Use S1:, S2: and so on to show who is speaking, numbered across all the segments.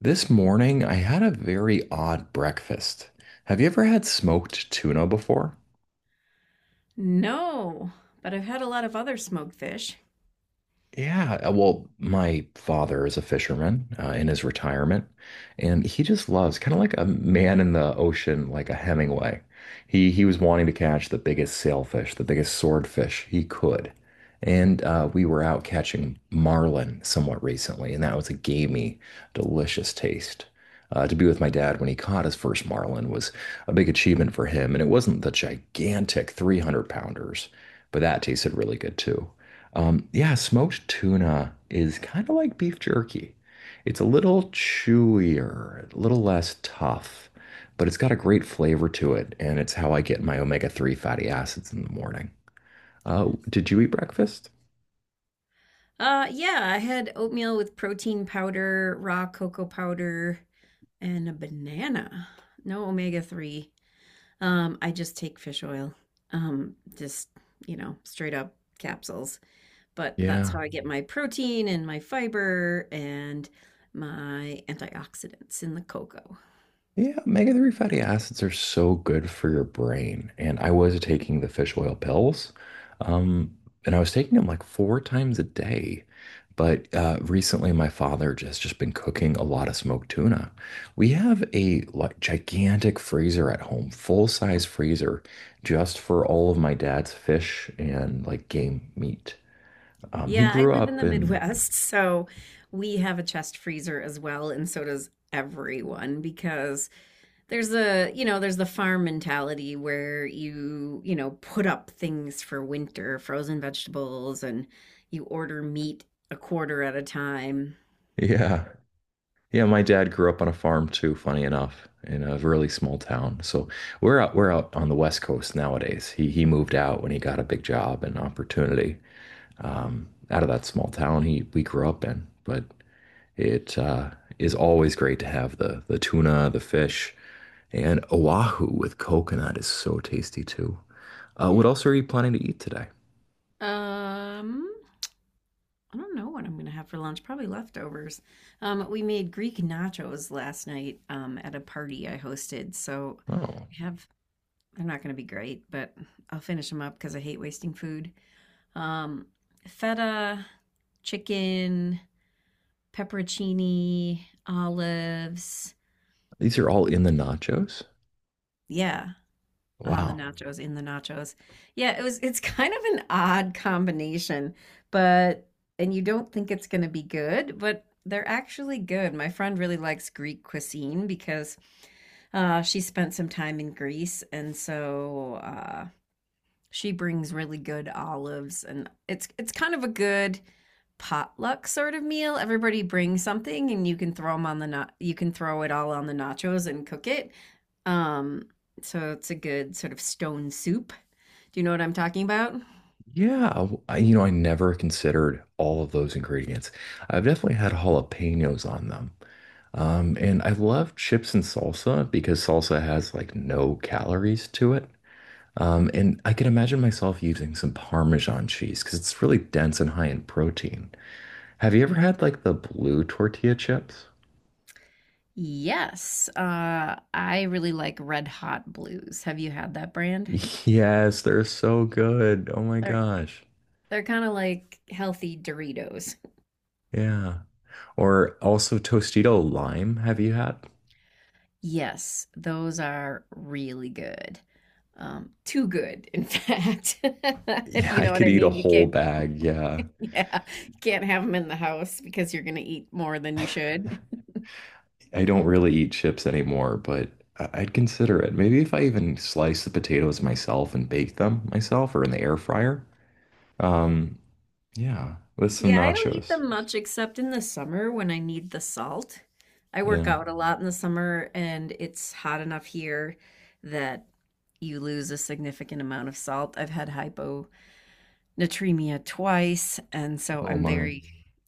S1: This morning, I had a very odd breakfast. Have you ever had smoked tuna before?
S2: No, but I've had a lot of other smoked fish.
S1: Yeah, well, my father is a fisherman in his retirement, and he just loves kind of like a man in the ocean, like a Hemingway. He was wanting to catch the biggest sailfish, the biggest swordfish he could, and we were out catching marlin somewhat recently, and that was a gamey, delicious taste. To be with my dad when he caught his first marlin was a big achievement for him, and it wasn't the gigantic 300 pounders, but that tasted really good too. Yeah, smoked tuna is kind of like beef jerky. It's a little chewier, a little less tough, but it's got a great flavor to it, and it's how I get my omega-3 fatty acids in the morning. Did you eat breakfast?
S2: Yeah, I had oatmeal with protein powder, raw cocoa powder, and a banana. No omega 3. I just take fish oil. Um, just, Straight up capsules. But that's
S1: Yeah.
S2: how I get my protein and my fiber and my antioxidants in the cocoa.
S1: Yeah, omega-3 fatty acids are so good for your brain. And I was taking the fish oil pills, um, and I was taking them like four times a day. But recently, my father has just been cooking a lot of smoked tuna. We have a like gigantic freezer at home, full-size freezer, just for all of my dad's fish and like game meat. He
S2: Yeah, I
S1: grew
S2: live in
S1: up
S2: the
S1: in,
S2: Midwest, so we have a chest freezer as well, and so does everyone because there's the farm mentality where you put up things for winter, frozen vegetables, and you order meat a quarter at a time.
S1: yeah. Yeah, my dad grew up on a farm too, funny enough, in a really small town. So we're out on the West Coast nowadays. He moved out when he got a big job and opportunity out of that small town he we grew up in. But it is always great to have the tuna, the fish, and Oahu with coconut is so tasty too. What else are you planning to eat today?
S2: Um, I don't know what I'm gonna have for lunch. Probably leftovers. We made Greek nachos last night, at a party I hosted, so.
S1: Oh,
S2: We have They're not going to be great, but I'll finish them up because I hate wasting food. Um, Feta, chicken, pepperoncini, olives.
S1: these are all in the nachos.
S2: Yeah, on the
S1: Wow.
S2: nachos, in the nachos. Yeah, it was. It's kind of an odd combination, but and you don't think it's going to be good, but they're actually good. My friend really likes Greek cuisine because she spent some time in Greece, and so she brings really good olives, and it's kind of a good potluck sort of meal. Everybody brings something and you can throw them on the you can throw it all on the nachos and cook it. Um so it's a good sort of stone soup. Do you know what I'm talking about?
S1: Yeah, I never considered all of those ingredients. I've definitely had jalapenos on them. And I love chips and salsa because salsa has like no calories to it. And I can imagine myself using some Parmesan cheese because it's really dense and high in protein. Have you ever had like the blue tortilla chips?
S2: Yes. I really like Red Hot Blues. Have you had that brand?
S1: Yes, they're so good. Oh my
S2: They're
S1: gosh.
S2: they're kind of like healthy Doritos.
S1: Yeah. Or also Tostito lime. Have you had?
S2: Yes, those are really good. Too good, in fact, if
S1: Yeah,
S2: you
S1: I
S2: know what
S1: could
S2: I
S1: eat a
S2: mean. You
S1: whole
S2: can't,
S1: bag. Yeah.
S2: yeah, you can't have them in the house because you're going to eat more than you should.
S1: I don't really eat chips anymore, but I'd consider it. Maybe if I even slice the potatoes myself and bake them myself or in the air fryer. Um, yeah, with some
S2: Yeah, I don't eat
S1: nachos.
S2: them much except in the summer when I need the salt. I work
S1: Yeah.
S2: out a lot in the summer and it's hot enough here that you lose a significant amount of salt. I've had hyponatremia twice, and so
S1: Oh
S2: I'm
S1: my.
S2: very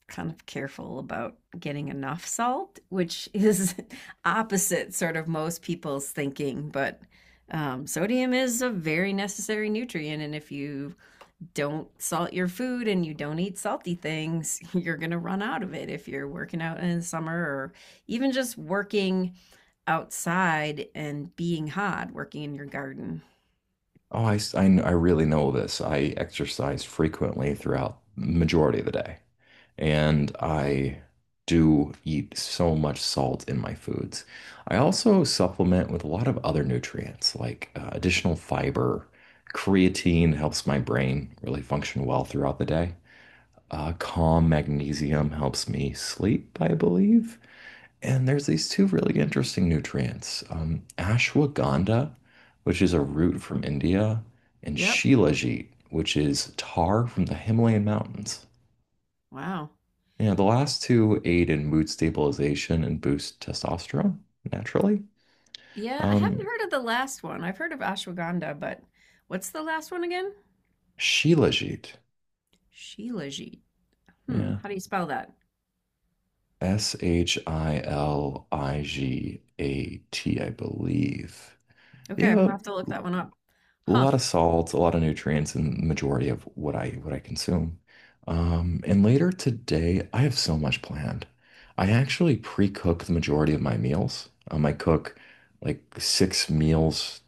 S2: kind of careful about getting enough salt, which is, opposite sort of most people's thinking. But sodium is a very necessary nutrient, and if you don't salt your food and you don't eat salty things, you're going to run out of it if you're working out in the summer or even just working outside and being hot, working in your garden.
S1: Oh, I really know this. I exercise frequently throughout the majority of the day. And I do eat so much salt in my foods. I also supplement with a lot of other nutrients like additional fiber. Creatine helps my brain really function well throughout the day. Calm magnesium helps me sleep, I believe. And there's these two really interesting nutrients ashwagandha, which is a root from India, and
S2: Yep.
S1: shilajit, which is tar from the Himalayan mountains.
S2: Wow.
S1: Yeah, the last two aid in mood stabilization and boost testosterone naturally.
S2: Yeah, I haven't
S1: Um,
S2: heard of the last one. I've heard of ashwagandha, but what's the last one again?
S1: Shilajit.
S2: Shilajit. Hmm,
S1: Yeah.
S2: how do you spell that?
S1: Shiligat, I believe.
S2: Okay, I'm
S1: Yeah,
S2: gonna have to look
S1: but
S2: that one up.
S1: a
S2: Huh.
S1: lot of salts, a lot of nutrients in the majority of what I consume. And later today, I have so much planned. I actually pre-cook the majority of my meals. I cook like six meals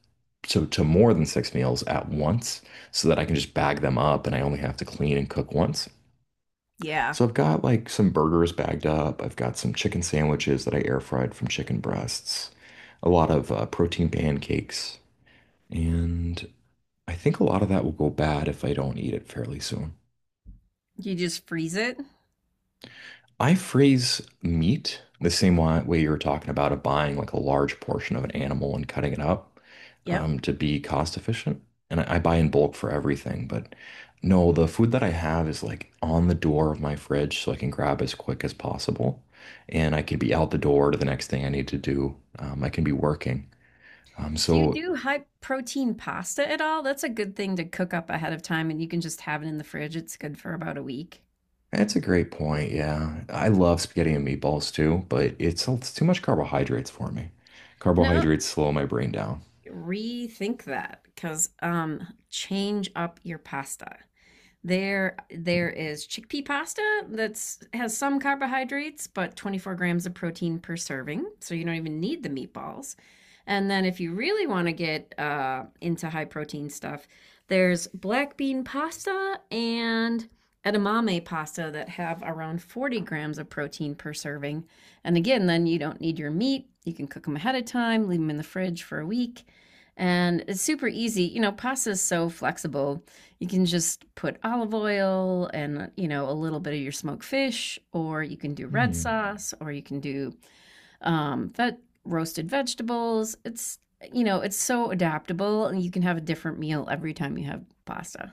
S1: to more than six meals at once so that I can just bag them up and I only have to clean and cook once.
S2: Yeah.
S1: So I've got like some burgers bagged up. I've got some chicken sandwiches that I air fried from chicken breasts, a lot of protein pancakes, and I think a lot of that will go bad if I don't eat it fairly soon.
S2: You just freeze it?
S1: I freeze meat the same way you were talking about of buying like a large portion of an animal and cutting it up
S2: Yep.
S1: to be cost efficient. And I buy in bulk for everything, but no, the food that I have is like on the door of my fridge so I can grab as quick as possible. And I can be out the door to the next thing I need to do. I can be working. Um,
S2: Do you
S1: so
S2: do high protein pasta at all? That's a good thing to cook up ahead of time and you can just have it in the fridge. It's good for about a week.
S1: that's a great point. Yeah. I love spaghetti and meatballs too, but it's too much carbohydrates for me.
S2: No,
S1: Carbohydrates slow my brain down.
S2: rethink that because change up your pasta. There is chickpea pasta that's has some carbohydrates, but 24 grams of protein per serving, so you don't even need the meatballs. And then, if you really want to get into high protein stuff, there's black bean pasta and edamame pasta that have around 40 grams of protein per serving. And again, then you don't need your meat. You can cook them ahead of time, leave them in the fridge for a week. And it's super easy. You know, pasta is so flexible, you can just put olive oil and, you know, a little bit of your smoked fish, or you can do red
S1: Hmm.
S2: sauce, or you can do roasted vegetables. It's, you know, it's so adaptable and you can have a different meal every time you have pasta.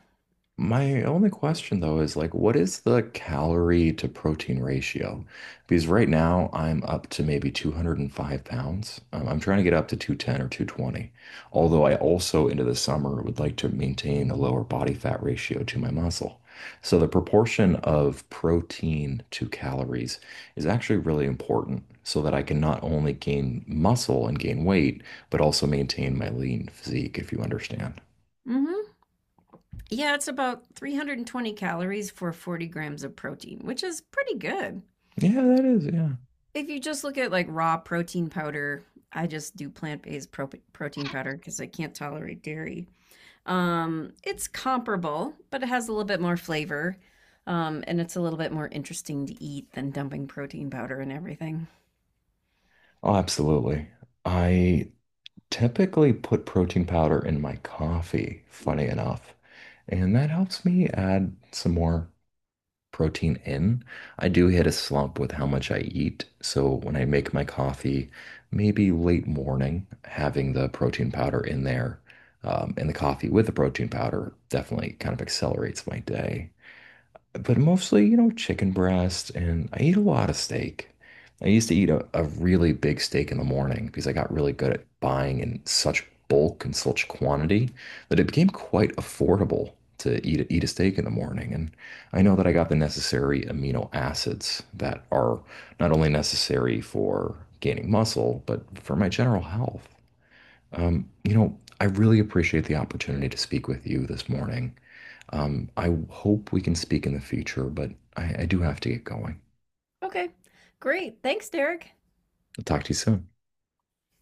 S1: My only question though is like, what is the calorie to protein ratio? Because right now I'm up to maybe 205 pounds. I'm trying to get up to 210 or 220. Although I also into the summer would like to maintain a lower body fat ratio to my muscle. So the proportion of protein to calories is actually really important so that I can not only gain muscle and gain weight, but also maintain my lean physique, if you understand.
S2: Hmm. Yeah, it's about 320 calories for 40 grams of protein, which is pretty good.
S1: Yeah, that is, yeah.
S2: If you just look at like raw protein powder, I just do plant based protein powder because I can't tolerate dairy. It's comparable, but it has a little bit more flavor. And it's a little bit more interesting to eat than dumping protein powder and everything.
S1: Oh, absolutely. I typically put protein powder in my coffee, funny enough, and that helps me add some more protein in. I do hit a slump with how much I eat, so when I make my coffee, maybe late morning, having the protein powder in there, and the coffee with the protein powder definitely kind of accelerates my day but mostly, chicken breast, and I eat a lot of steak. I used to eat a really big steak in the morning because I got really good at buying in such bulk and such quantity that it became quite affordable to eat a steak in the morning. And I know that I got the necessary amino acids that are not only necessary for gaining muscle, but for my general health. I really appreciate the opportunity to speak with you this morning. I hope we can speak in the future, but I do have to get going.
S2: Okay, great. Thanks, Derek.
S1: I'll talk to you soon.